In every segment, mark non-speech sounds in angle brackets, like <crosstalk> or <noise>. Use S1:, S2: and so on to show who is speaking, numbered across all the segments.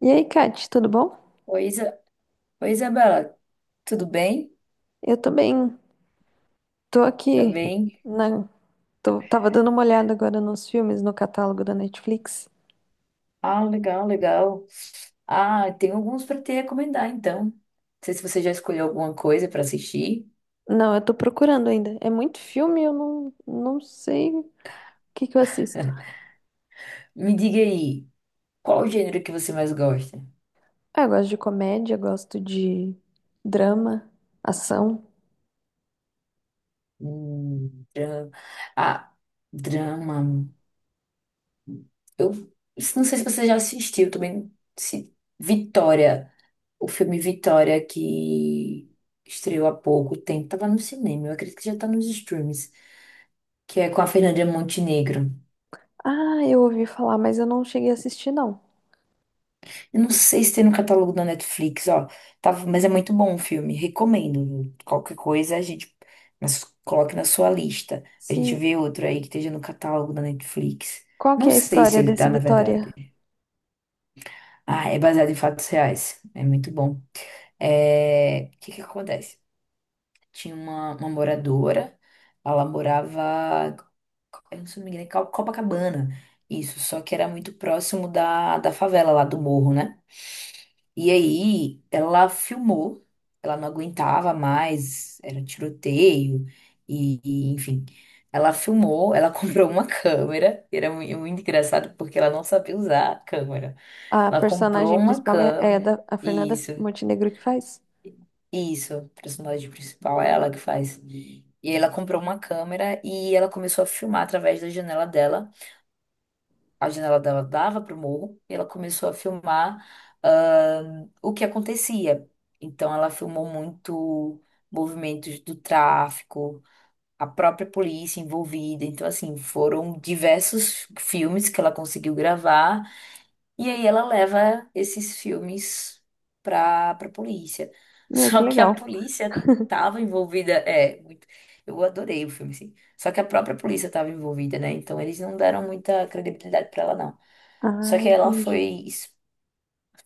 S1: E aí, Kate, tudo bom?
S2: Oi, Oi, Isabela, tudo bem?
S1: Eu tô bem. Tô
S2: Tá
S1: aqui
S2: bem?
S1: na... Tava dando uma olhada agora nos filmes no catálogo da Netflix.
S2: Ah, legal, legal. Ah, tem alguns para te recomendar, então. Não sei se você já escolheu alguma coisa para assistir.
S1: Não, eu tô procurando ainda. É muito filme, eu não sei o que que eu assisto.
S2: Me diga aí, qual o gênero que você mais gosta?
S1: Ah, eu gosto de comédia, gosto de drama, ação.
S2: Drama. Ah, drama. Eu não sei se você já assistiu também. Se... Vitória, o filme Vitória que estreou há pouco tempo, tava no cinema, eu acredito que já tá nos streams, que é com a Fernanda Montenegro.
S1: Ah, eu ouvi falar, mas eu não cheguei a assistir, não.
S2: Eu não sei se tem no catálogo da Netflix, ó. Tava, mas é muito bom o filme, recomendo. Qualquer coisa a gente mas coloque na sua lista. A gente
S1: Sim.
S2: vê outro aí que esteja no catálogo da Netflix.
S1: Qual
S2: Não
S1: que é a
S2: sei se
S1: história
S2: ele tá,
S1: desse
S2: na
S1: Vitória?
S2: verdade. Ah, é baseado em fatos reais. É muito bom. É, o que que acontece? Tinha uma moradora, ela morava, eu não sei me engano, em Copacabana. Isso, só que era muito próximo da favela lá do morro, né? E aí ela filmou, ela não aguentava mais, era tiroteio, enfim. Ela filmou, ela <laughs> comprou uma câmera, e era muito engraçado porque ela não sabia usar a câmera.
S1: A
S2: Ela comprou
S1: personagem
S2: uma
S1: principal é a
S2: câmera,
S1: da a Fernanda
S2: isso,
S1: Montenegro que faz?
S2: isso, a personagem principal, é ela que faz. E aí ela comprou uma câmera e ela começou a filmar através da janela dela. A janela dela dava para o morro e ela começou a filmar, ah, o que acontecia. Então, ela filmou muito movimentos do tráfico, a própria polícia envolvida. Então, assim, foram diversos filmes que ela conseguiu gravar e aí ela leva esses filmes pra polícia. <laughs>
S1: Meu, que
S2: Só que a
S1: legal.
S2: polícia tava envolvida. É, muito, eu adorei o filme, assim. Só que a própria polícia tava envolvida, né? Então eles não deram muita credibilidade pra ela, não. Só
S1: Ah,
S2: que ela
S1: entendi.
S2: foi, es-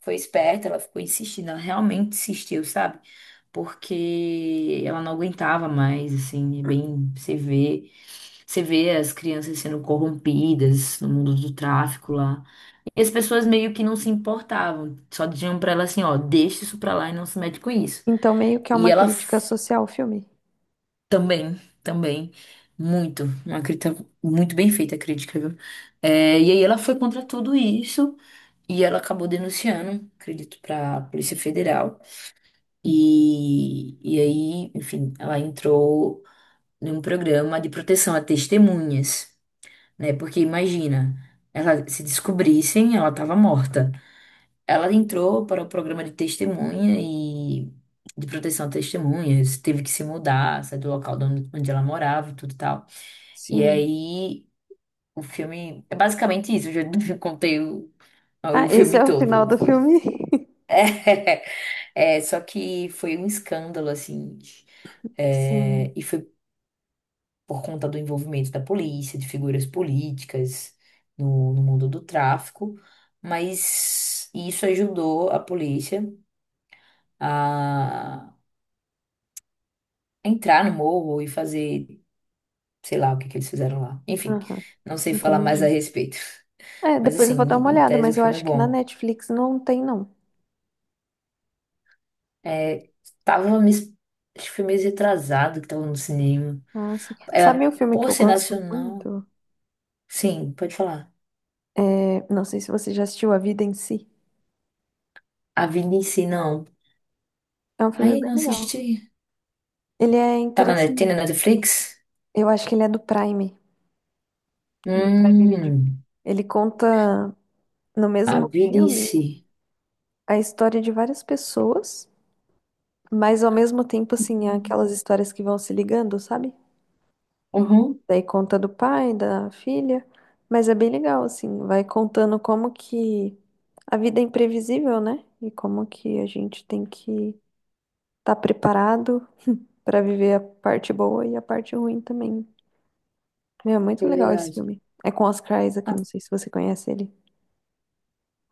S2: foi esperta, ela ficou insistindo, ela realmente insistiu, sabe? Porque ela não aguentava mais, assim, é bem, você vê as crianças sendo corrompidas no mundo do tráfico lá. E as pessoas meio que não se importavam, só diziam pra ela assim, ó, deixa isso pra lá e não se mete com isso.
S1: Então, meio que é
S2: E
S1: uma crítica social o filme.
S2: também, também, muito, uma crítica muito bem feita a crítica, viu? É, e aí ela foi contra tudo isso e ela acabou denunciando, acredito, pra Polícia Federal. Enfim, ela entrou num programa de proteção a testemunhas, né? Porque imagina, ela se descobrissem, ela tava morta. Ela entrou para o programa de testemunha e de proteção a testemunhas, teve que se mudar, sair do local de onde ela morava e tudo e tal. E
S1: Sim.
S2: aí o filme é basicamente isso, eu já <laughs> contei
S1: Ah,
S2: o
S1: esse
S2: filme
S1: é o final
S2: todo.
S1: do
S2: Foi.
S1: filme? <laughs>
S2: <laughs> É, só que foi um escândalo, assim, é,
S1: Sim.
S2: e foi por conta do envolvimento da polícia, de figuras políticas no mundo do tráfico, mas isso ajudou a polícia a entrar no morro e fazer, sei lá, o que que eles fizeram lá. Enfim,
S1: Aham.
S2: não sei falar mais a
S1: Entendi.
S2: respeito.
S1: É,
S2: <laughs> Mas
S1: depois
S2: assim,
S1: eu vou dar
S2: em
S1: uma olhada,
S2: tese o
S1: mas eu
S2: filme é
S1: acho que na
S2: bom.
S1: Netflix não tem, não.
S2: É, tava me, acho que foi meio retrasado que tava no cinema.
S1: Ah, sim.
S2: É,
S1: Sabe um filme que
S2: por
S1: eu
S2: ser
S1: gosto
S2: nacional.
S1: muito?
S2: Sim, pode falar.
S1: É, não sei se você já assistiu A Vida em Si.
S2: A vida em si, não.
S1: É um filme
S2: Aí
S1: bem
S2: não
S1: legal.
S2: assisti.
S1: Ele é
S2: Tá na, tem
S1: interessante.
S2: na Netflix?
S1: Eu acho que ele é do Prime Video.
S2: Hum,
S1: Ele conta no
S2: a
S1: mesmo
S2: vida em
S1: filme
S2: si.
S1: a história de várias pessoas. Mas ao mesmo tempo, assim, é aquelas histórias que vão se ligando, sabe?
S2: Uhum,
S1: Daí conta do pai, da filha. Mas é bem legal, assim, vai contando como que a vida é imprevisível, né? E como que a gente tem que estar preparado pra viver a parte boa e a parte ruim também. Meu, é muito
S2: é
S1: legal esse
S2: verdade.
S1: filme. É com Oscar Isaac,
S2: Ah,
S1: não sei se você conhece ele.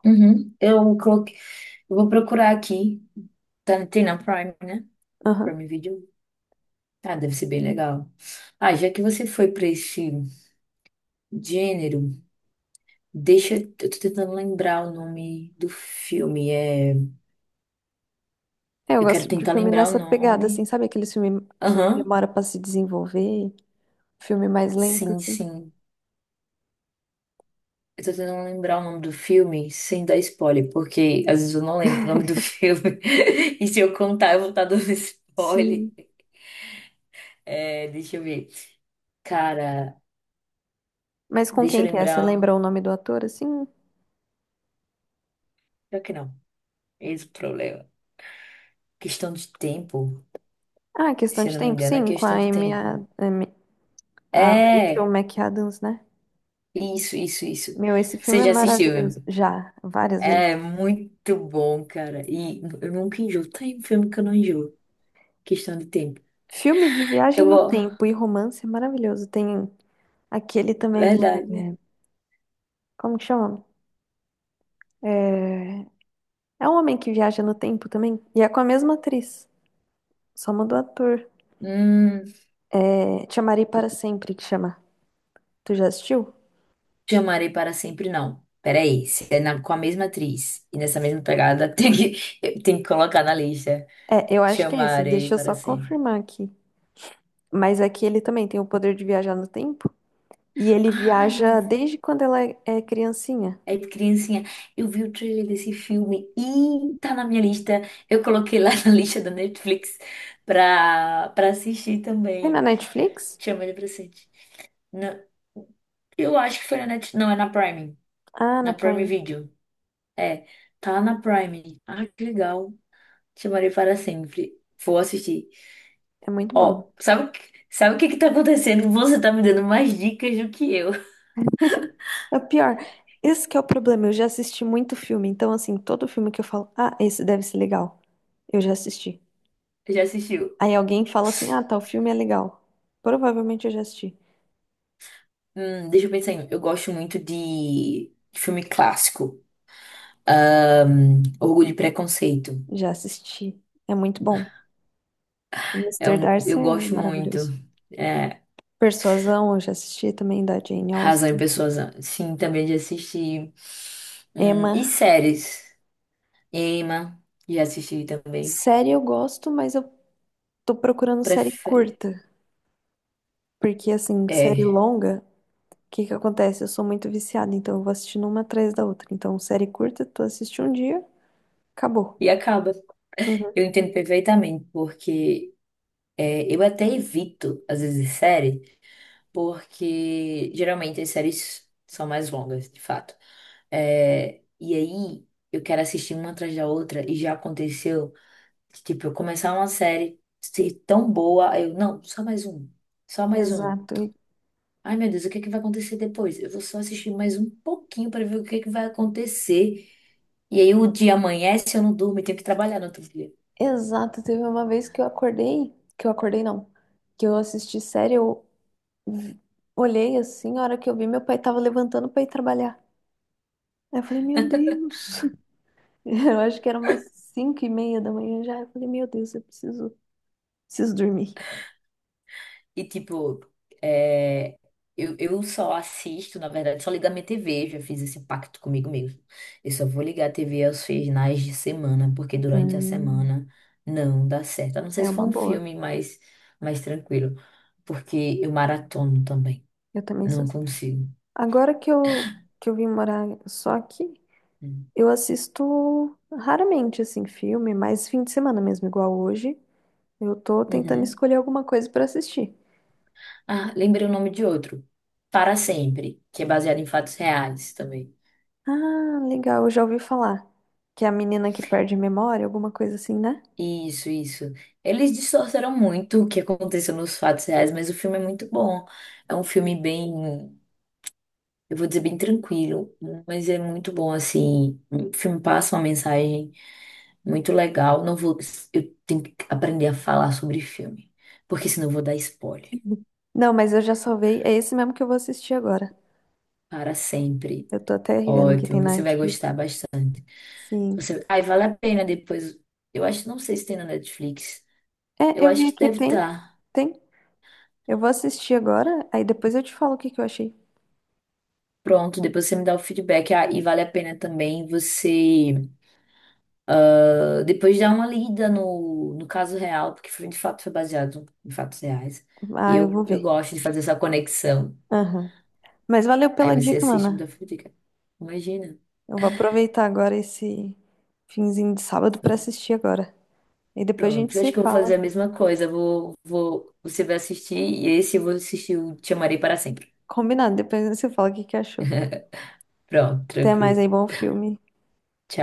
S2: uhum. Eu coloquei, eu vou procurar aqui. Tá, tem na Prime, né?
S1: Aham.
S2: Prime Video. Ah, deve ser bem legal. Ah, já que você foi para esse gênero, deixa. Eu tô tentando lembrar o nome do filme. É,
S1: É, eu
S2: eu quero
S1: gosto de
S2: tentar
S1: filme
S2: lembrar o
S1: nessa pegada, assim,
S2: nome.
S1: sabe aquele filme que
S2: Aham,
S1: demora pra se desenvolver? Filme mais lento,
S2: sim,
S1: assim.
S2: sim. Eu tô tentando lembrar o nome do filme sem dar spoiler, porque às vezes eu não lembro o nome do filme. <laughs> E se eu contar, eu vou estar dando spoiler.
S1: Sim.
S2: É, deixa eu ver. Cara,
S1: Mas com
S2: deixa eu
S1: quem que é? Você
S2: lembrar.
S1: lembra o nome do ator, assim?
S2: Pior que não. Esse é o problema. Questão de tempo.
S1: Ah, é questão
S2: Se eu
S1: de
S2: não me
S1: tempo,
S2: engano, é
S1: sim, com a
S2: questão de
S1: Amy,
S2: tempo.
S1: a, Amy- a Rachel
S2: É,
S1: McAdams, né?
S2: isso, isso, isso.
S1: Meu, esse filme
S2: Você
S1: é
S2: já assistiu, né?
S1: maravilhoso. Já, várias vezes.
S2: É muito bom, cara. E eu nunca enjoo. Tem filme que eu não enjoo. Questão de tempo.
S1: Filme de viagem
S2: Eu,
S1: no
S2: vou.
S1: tempo e romance é maravilhoso. Tem aquele também,
S2: Verdade.
S1: como que chama? É, é um homem que viaja no tempo também. E é com a mesma atriz, só mudou ator.
S2: Hum,
S1: É, Te Amarei Para Sempre, que chama. Tu já assistiu?
S2: te amarei para sempre, não. Peraí, se é com a mesma atriz e nessa mesma pegada, <laughs> tem que, eu tenho que colocar na lista.
S1: É, eu
S2: Te
S1: acho que é esse.
S2: amarei
S1: Deixa eu
S2: para
S1: só
S2: sempre.
S1: confirmar aqui. Mas aqui ele também tem o poder de viajar no tempo. E ele
S2: Ah, eu
S1: viaja
S2: vi.
S1: desde quando ela é criancinha.
S2: É de criancinha. Eu vi o trailer desse filme e tá na minha lista. Eu coloquei lá <laughs> na lista da Netflix pra assistir
S1: Tem na
S2: também.
S1: Netflix?
S2: Chama ele pra assistir. Na- eu acho que foi na Netflix. Não, é na Prime.
S1: Ah, na
S2: Na Prime
S1: Prime.
S2: Video. É, tá na Prime. Ah, que legal. Chamarei para sempre. Vou assistir.
S1: É muito bom.
S2: Ó, sabe o que que tá acontecendo? Você tá me dando mais dicas do que eu.
S1: É pior, esse que é o problema. Eu já assisti muito filme, então assim, todo filme que eu falo, ah, esse deve ser legal. Eu já assisti.
S2: <laughs> Já assistiu?
S1: Aí alguém fala assim, ah, tal filme é legal. Provavelmente eu já assisti.
S2: Deixa eu pensar em. Um. Eu gosto muito de filme clássico. Orgulho e Preconceito.
S1: Já assisti. É muito bom. O
S2: É
S1: Mr.
S2: um,
S1: Darcy
S2: eu
S1: é
S2: gosto muito.
S1: maravilhoso.
S2: É,
S1: Persuasão, eu já assisti também da Jane
S2: Razão e
S1: Austen.
S2: Pessoas, sim, também de assistir. E
S1: Emma.
S2: séries. Emma, já assisti também.
S1: Série eu gosto, mas eu tô procurando série
S2: Prefere,
S1: curta. Porque, assim, série
S2: é,
S1: longa, o que que acontece? Eu sou muito viciada, então eu vou assistindo uma atrás da outra. Então, série curta, tu assiste um dia, acabou.
S2: e acaba.
S1: Uhum.
S2: Eu entendo perfeitamente, porque é, eu até evito, às vezes, série, porque geralmente as séries são mais longas, de fato. É, e aí, eu quero assistir uma atrás da outra, e já aconteceu. Que, tipo, eu começar uma série ser tão boa, aí eu, não, só mais um, só mais um.
S1: Exato, e-
S2: Ai, meu Deus, o que é que vai acontecer depois? Eu vou só assistir mais um pouquinho para ver o que é que vai acontecer. E aí o dia amanhece, eu não durmo e tenho que trabalhar no outro dia.
S1: Exato. Teve uma vez que eu acordei não, que eu assisti série, vi- olhei assim, a hora que eu vi, meu pai tava levantando pra ir trabalhar. Aí eu falei, meu Deus, <laughs> eu acho que era umas cinco e meia da manhã já. Eu falei, meu Deus, preciso dormir.
S2: E tipo, é, eu só assisto, na verdade, só ligo a minha TV, já fiz esse pacto comigo mesmo. Eu só vou ligar a TV aos finais de semana, porque durante a
S1: Hum,
S2: semana não dá certo. A não ser
S1: é
S2: se for
S1: uma
S2: um
S1: boa.
S2: filme mais, mais tranquilo, porque eu maratono também.
S1: Eu também sou.
S2: Não consigo.
S1: Agora que eu vim morar só aqui,
S2: Hum.
S1: eu assisto raramente, assim, filme, mais fim de semana mesmo, igual hoje. Eu tô tentando
S2: Uhum.
S1: escolher alguma coisa pra assistir.
S2: Ah, lembrei o nome de outro. Para Sempre, que é baseado em fatos reais também.
S1: Ah, legal, eu já ouvi falar. Que é a menina que perde a memória, alguma coisa assim, né?
S2: Isso, isso. Eles distorceram muito o que aconteceu nos fatos reais, mas o filme é muito bom. É um filme bem, eu vou dizer bem tranquilo, mas é muito bom assim. O filme passa uma mensagem muito legal. Não vou, eu tenho que aprender a falar sobre filme, porque senão eu vou dar spoiler
S1: Não, mas eu já salvei. É esse mesmo que eu vou assistir agora.
S2: para sempre.
S1: Eu tô até vendo que tem
S2: Ótimo,
S1: na
S2: você vai
S1: Netflix.
S2: gostar bastante.
S1: Sim.
S2: Você, ai, vale a pena depois. Eu acho, não sei se tem na Netflix.
S1: É,
S2: Eu
S1: eu
S2: acho
S1: vi
S2: que
S1: aqui,
S2: deve
S1: tem.
S2: estar.
S1: Tem. Eu vou assistir agora, aí depois eu te falo o que que eu achei.
S2: Pronto, depois você me dá o feedback. Ah, e vale a pena também você depois dar uma lida no caso real, porque foi, de fato foi baseado em fatos reais. E
S1: Ah, eu vou
S2: eu
S1: ver.
S2: gosto de fazer essa conexão.
S1: Aham. Mas valeu
S2: Aí
S1: pela
S2: você
S1: dica,
S2: assiste e me dá
S1: mana.
S2: o feedback. Imagina.
S1: Eu vou aproveitar agora esse finzinho de sábado pra assistir agora. E depois a
S2: Pronto,
S1: gente
S2: eu
S1: se
S2: acho que eu vou fazer a
S1: fala.
S2: mesma coisa. Eu vou, você vai assistir e esse eu vou assistir o Te Amarei Para Sempre.
S1: Combinado, depois a gente se fala o que que achou.
S2: Pronto,
S1: Até mais
S2: tranquilo.
S1: aí, bom filme.
S2: Tchau.